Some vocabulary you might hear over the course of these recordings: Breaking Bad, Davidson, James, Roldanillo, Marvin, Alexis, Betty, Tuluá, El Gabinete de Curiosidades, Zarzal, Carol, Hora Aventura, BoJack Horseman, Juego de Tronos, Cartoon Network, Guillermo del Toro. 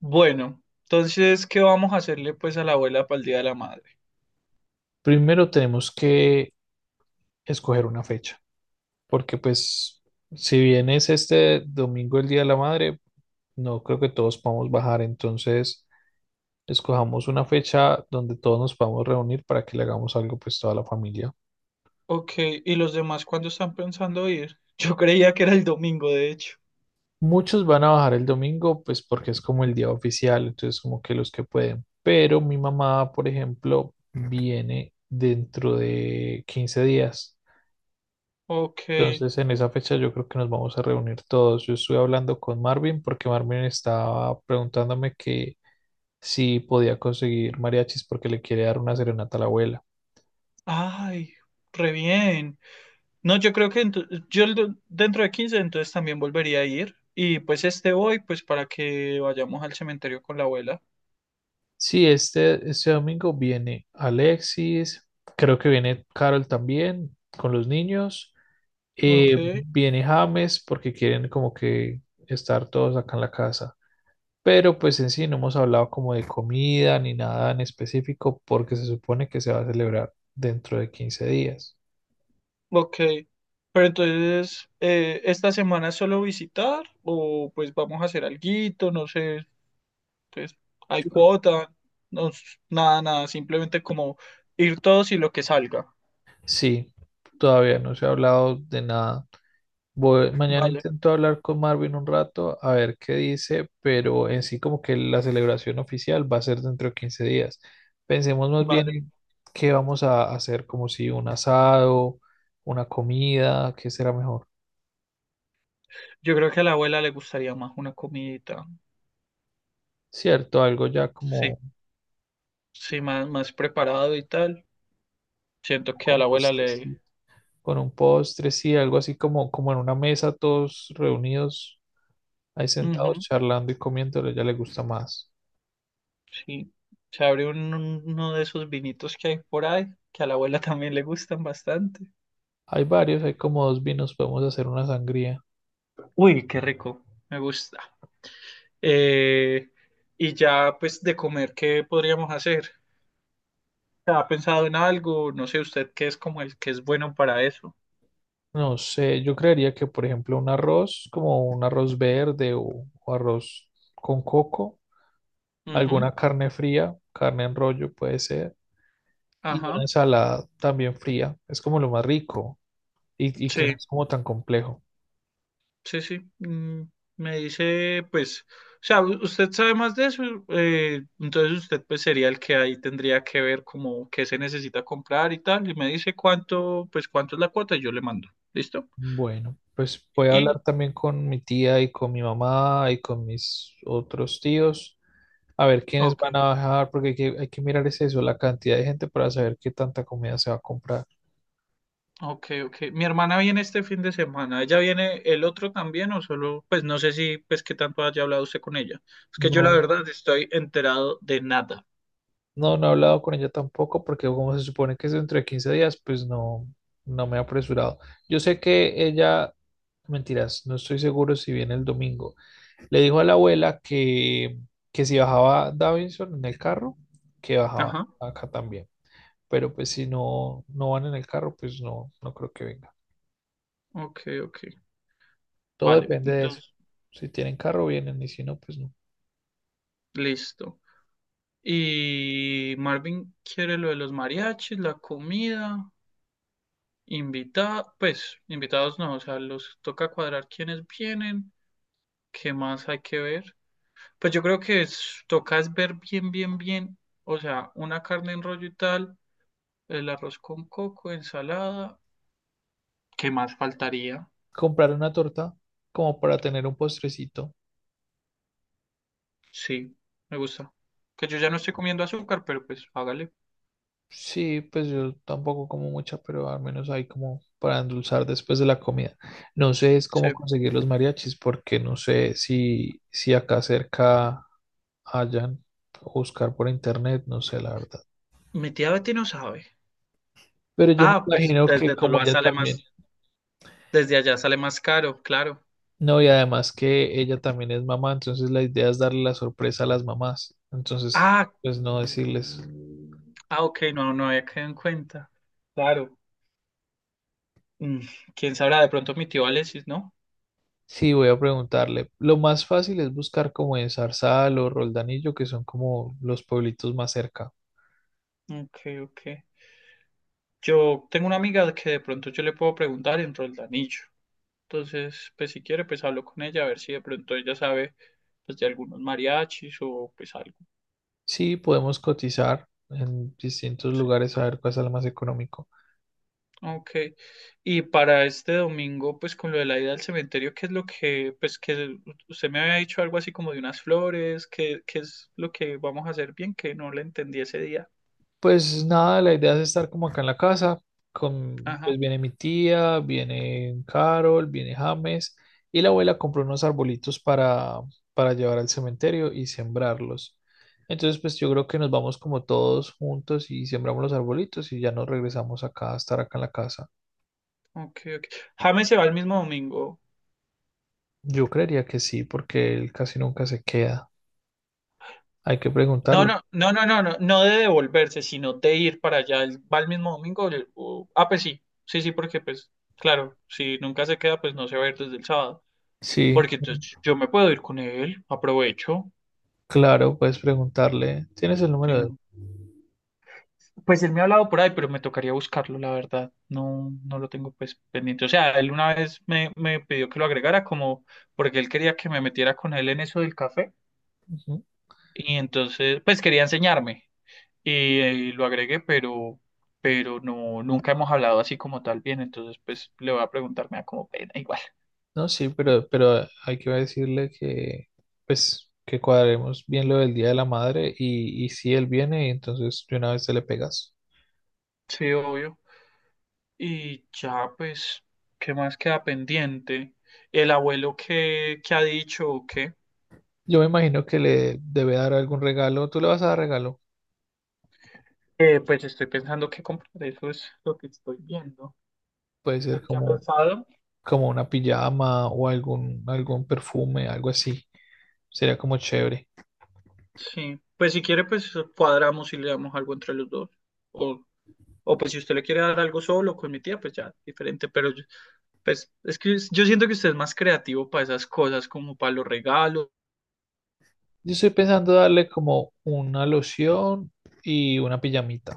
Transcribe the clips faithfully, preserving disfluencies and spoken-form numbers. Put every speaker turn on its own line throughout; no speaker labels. Bueno, entonces, ¿qué vamos a hacerle pues a la abuela para el Día de la Madre?
Primero tenemos que escoger una fecha, porque pues si bien es este domingo el Día de la Madre, no creo que todos podamos bajar, entonces escojamos una fecha donde todos nos podamos reunir para que le hagamos algo pues toda la familia.
Ok, ¿y los demás cuándo están pensando ir? Yo creía que era el domingo, de hecho.
Muchos van a bajar el domingo pues porque es como el día oficial, entonces como que los que pueden, pero mi mamá, por ejemplo, viene dentro de quince días.
Ok,
Entonces, en esa fecha yo creo que nos vamos a reunir todos. Yo estuve hablando con Marvin porque Marvin estaba preguntándome que si podía conseguir mariachis porque le quiere dar una serenata a la abuela.
ay, re bien. No, yo creo que ento- yo el do- dentro de quince entonces también volvería a ir. Y pues este voy pues para que vayamos al cementerio con la abuela.
Sí, este, este domingo viene Alexis, creo que viene Carol también con los niños.
Ok,
Eh, viene James porque quieren como que estar todos acá en la casa. Pero pues en sí no hemos hablado como de comida ni nada en específico porque se supone que se va a celebrar dentro de quince días.
ok. Pero entonces, eh, ¿esta semana es solo visitar o pues vamos a hacer alguito? No sé, entonces, hay
Yo creo- que
cuota, no, nada, nada, simplemente como ir todos y lo que salga.
Sí, todavía no se ha hablado de nada. Voy- mañana
Vale,
intento hablar con Marvin un rato a ver qué dice, pero en sí como que la celebración oficial va a ser dentro de quince días. Pensemos más bien
vale.
en qué vamos a hacer, como si un asado, una comida, qué será mejor.
Yo creo que a la abuela le gustaría más una comidita.
Cierto, algo ya
Sí,
como,
sí, más, más preparado y tal. Siento que a
como
la abuela
pues,
le...
sí. Con un postre, sí, algo así como, como en una mesa, todos reunidos, ahí sentados
Ujú,
charlando y comiéndolo, ya le gusta más.
sí. Se abre un- un- uno de esos vinitos que hay por ahí, que a la abuela también le gustan bastante.
Hay varios, hay como dos vinos, podemos hacer una sangría.
Uy, qué rico, me gusta. Eh, y ya, pues, de comer, ¿qué podríamos hacer? ¿Ha pensado en algo? No sé, usted qué es como el que es bueno para eso.
No sé, yo creería que, por ejemplo, un arroz, como un arroz verde o, o arroz con coco,
Ujú,
alguna carne fría, carne en rollo puede ser, y una
ajá.
ensalada también fría, es como lo más rico y, y que no
Sí,
es como tan complejo.
sí, sí. Mm, me dice, pues, o sea, u- usted sabe más de eso, eh, entonces usted pues sería el que ahí tendría que ver como qué se necesita comprar y tal, y me dice cuánto, pues cuánto es la cuota y yo le mando. ¿Listo?
Bueno, pues voy a hablar
Y,
también con mi tía y con mi mamá y con mis otros tíos, a ver quiénes van
ok.
a bajar, porque hay que, hay que mirar es eso, la cantidad de gente para saber qué tanta comida se va a comprar.
Ok, ok. Mi hermana viene este fin de semana. ¿Ella viene el otro también o solo? Pues no sé si, pues qué tanto haya hablado usted con ella. Es que yo la
No,
verdad estoy enterado de nada.
no, no he hablado con ella tampoco, porque como se supone que es dentro de quince días, pues no, no me he apresurado. Yo sé que ella, mentiras, no estoy seguro si viene el domingo. Le dijo a la abuela que, que si bajaba Davidson en el carro, que bajaba
Ajá.
acá también. Pero pues si no, no van en el carro, pues no, no creo que venga.
Ok, ok.
Todo
Vale,
depende de eso.
entonces,
Si tienen carro, vienen, y si no, pues no.
listo. Y Marvin quiere lo de los mariachis, la comida, invitada, pues invitados no, o sea, los toca cuadrar quiénes vienen, qué más hay que ver. Pues yo creo que es- toca es ver bien, bien, bien, o sea, una carne en rollo y tal. El arroz con coco, ensalada. ¿Qué más faltaría?
Comprar una torta como para tener un postrecito.
Sí, me gusta. Que yo ya no estoy comiendo azúcar, pero pues hágale.
Sí, pues yo tampoco como mucha, pero al menos hay como para endulzar después de la comida. No sé es cómo
Sí.
conseguir los mariachis, porque no sé si, si acá cerca hayan, buscar por internet, no sé la verdad.
Mi tía Betty no sabe.
Pero yo me
Ah, pues
imagino que
desde
como
Tuluá
ella
sale
también.
más, desde allá sale más caro, claro.
No, y además que ella también es mamá, entonces la idea es darle la sorpresa a las mamás. Entonces,
Ah,
pues no decirles.
ah, ok, no, no había quedado en cuenta. Claro. Mm, quién sabrá, de pronto mi tío Alexis, ¿no?
Sí, voy a preguntarle. Lo más fácil es buscar como en Zarzal o Roldanillo, que son como los pueblitos más cerca.
Ok, ok. Yo tengo una amiga que de pronto yo le puedo preguntar en Roldanillo. Entonces, pues si quiere, pues hablo con ella a ver si de pronto ella sabe pues, de algunos mariachis o pues algo.
Sí, podemos cotizar en distintos
Sí.
lugares a ver cuál es el más económico.
Ok. Y para este domingo, pues con lo de la ida al cementerio, ¿qué es lo que, pues que usted me había dicho algo así como de unas flores? ¿Qué, qué es lo que vamos a hacer bien? Que no le entendí ese día.
Pues nada, la idea es estar como acá en la casa, con,
Ajá.
pues viene mi tía, viene Carol, viene James, y la abuela compró unos arbolitos para, para llevar al cementerio y sembrarlos. Entonces, pues yo creo que nos vamos como todos juntos y sembramos los arbolitos y ya nos regresamos acá a estar acá en la casa.
Ok, ok. James se va el mismo domingo.
Yo creería que sí, porque él casi nunca se queda. Hay que
No,
preguntarle.
no, no, no, no, no, no de devolverse, sino de ir para allá. Él va el mismo domingo. El- o- ah, pues sí, sí, sí, porque pues, claro, si nunca se queda, pues no se va a ir desde el sábado.
Sí,
Porque entonces yo me puedo ir con él, aprovecho.
claro, puedes preguntarle. ¿Tienes el
Sí,
número de él?
no. Pues él me ha hablado por ahí, pero me tocaría buscarlo, la verdad. No, no lo tengo pues pendiente. O sea, él una vez me, me pidió que lo agregara como porque él quería que me metiera con él en eso del café.
Ujú.
Y entonces, pues quería enseñarme. Y, eh, lo agregué, pero, pero no, nunca hemos hablado así como tal bien, entonces pues le voy a preguntar, me da como pena igual.
No, sí, pero, pero hay que decirle que, pues, que cuadremos bien lo del Día de la Madre y, y si él viene, entonces de una vez te le pegas.
Sí, obvio. Y ya pues, ¿qué más queda pendiente? ¿El abuelo qué, qué ha dicho o qué?
Yo me imagino que le debe dar algún regalo. ¿Tú le vas a dar regalo?
Eh, pues estoy pensando qué comprar, eso es lo que estoy viendo.
Puede ser
¿Usted qué ha
como,
pensado?
como una pijama o algún, algún perfume, algo así. Sería como chévere.
Sí, pues si quiere pues cuadramos y le damos algo entre los dos. O, o pues si usted le quiere dar algo solo con mi tía, pues ya, diferente. Pero yo- pues es que yo siento que usted es más creativo para esas cosas, como para los regalos.
Yo estoy pensando darle como una loción y una pijamita.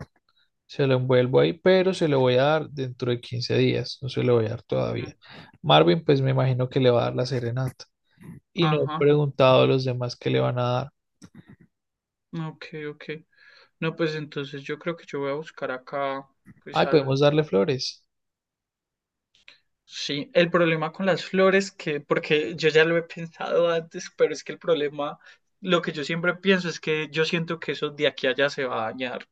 Se lo envuelvo ahí, pero se lo voy a dar dentro de quince días, no se lo voy a dar todavía. Marvin, pues me imagino que le va a dar la serenata. Y no he
Ajá,
preguntado a los demás qué le van a dar.
ok, ok. No, pues entonces yo creo que yo voy a buscar acá, pues
Ay, podemos
algo.
darle flores.
Sí, el problema con las flores, que, porque yo ya lo he pensado antes, pero es que el problema, lo que yo siempre pienso es que yo siento que eso de aquí a allá se va a dañar,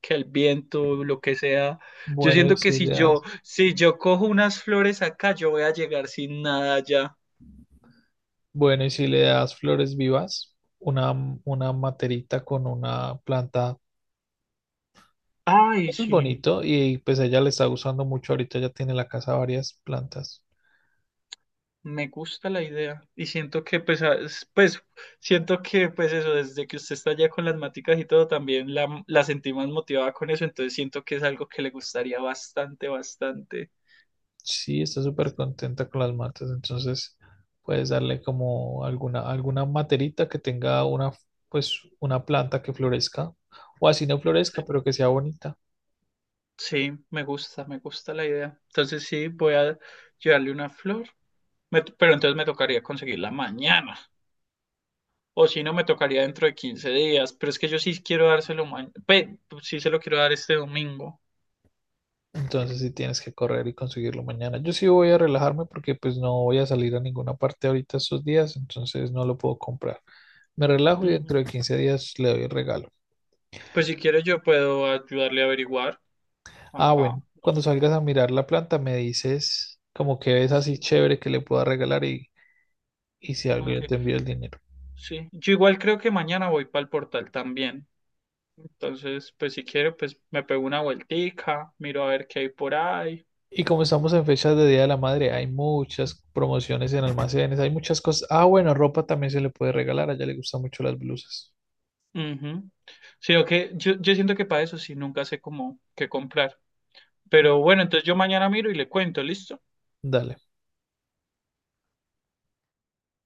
que el viento, lo que sea. Yo
Bueno, y
siento que
si
si
le
yo,
das,
si yo cojo unas flores acá, yo voy a llegar sin nada allá.
bueno, y si le das flores vivas, una, una materita con una planta.
Ay,
Eso es
sí,
bonito y pues a ella le está gustando mucho. Ahorita ya tiene en la casa varias plantas.
me gusta la idea. Y siento que, pues, a- es- pues, siento que, pues, eso, desde que usted está allá con las maticas y todo, también la, la sentí más motivada con eso. Entonces siento que es algo que le gustaría bastante, bastante.
Sí, está súper contenta con las matas, entonces puedes darle como alguna, alguna materita que tenga una, f- pues, una planta que florezca, o así no
Sí,
florezca, pero que sea bonita.
sí, me gusta, me gusta la idea. Entonces sí, voy a llevarle una flor. Me- pero entonces me tocaría conseguirla mañana. O si no, me tocaría dentro de quince días. Pero es que yo sí quiero dárselo mañana. Pues, sí se lo quiero dar este domingo.
Entonces sí tienes que correr y conseguirlo mañana. Yo sí voy a relajarme porque pues no voy a salir a ninguna parte ahorita estos días, entonces no lo puedo comprar. Me relajo y
Ujú.
dentro de quince días le doy el regalo.
Pues si quieres, yo puedo ayudarle a averiguar.
Ah, bueno,
Acá. No
cuando
sé,
salgas a mirar la planta me dices como que ves así
sí,
chévere que le pueda regalar y, y si algo
ok.
yo te envío el dinero.
Sí. Yo igual creo que mañana voy para el portal también. Entonces, pues si quiero, pues me pego una vueltica, miro a ver qué hay por ahí.
Y como estamos en fechas de Día de la Madre, hay muchas promociones en almacenes, hay muchas cosas. Ah, bueno, ropa también se le puede regalar, a ella le gustan mucho las blusas.
Ujú. Sino que yo, yo siento que para eso sí nunca sé cómo qué comprar. Pero bueno, entonces yo mañana miro y le cuento, ¿listo?
Dale.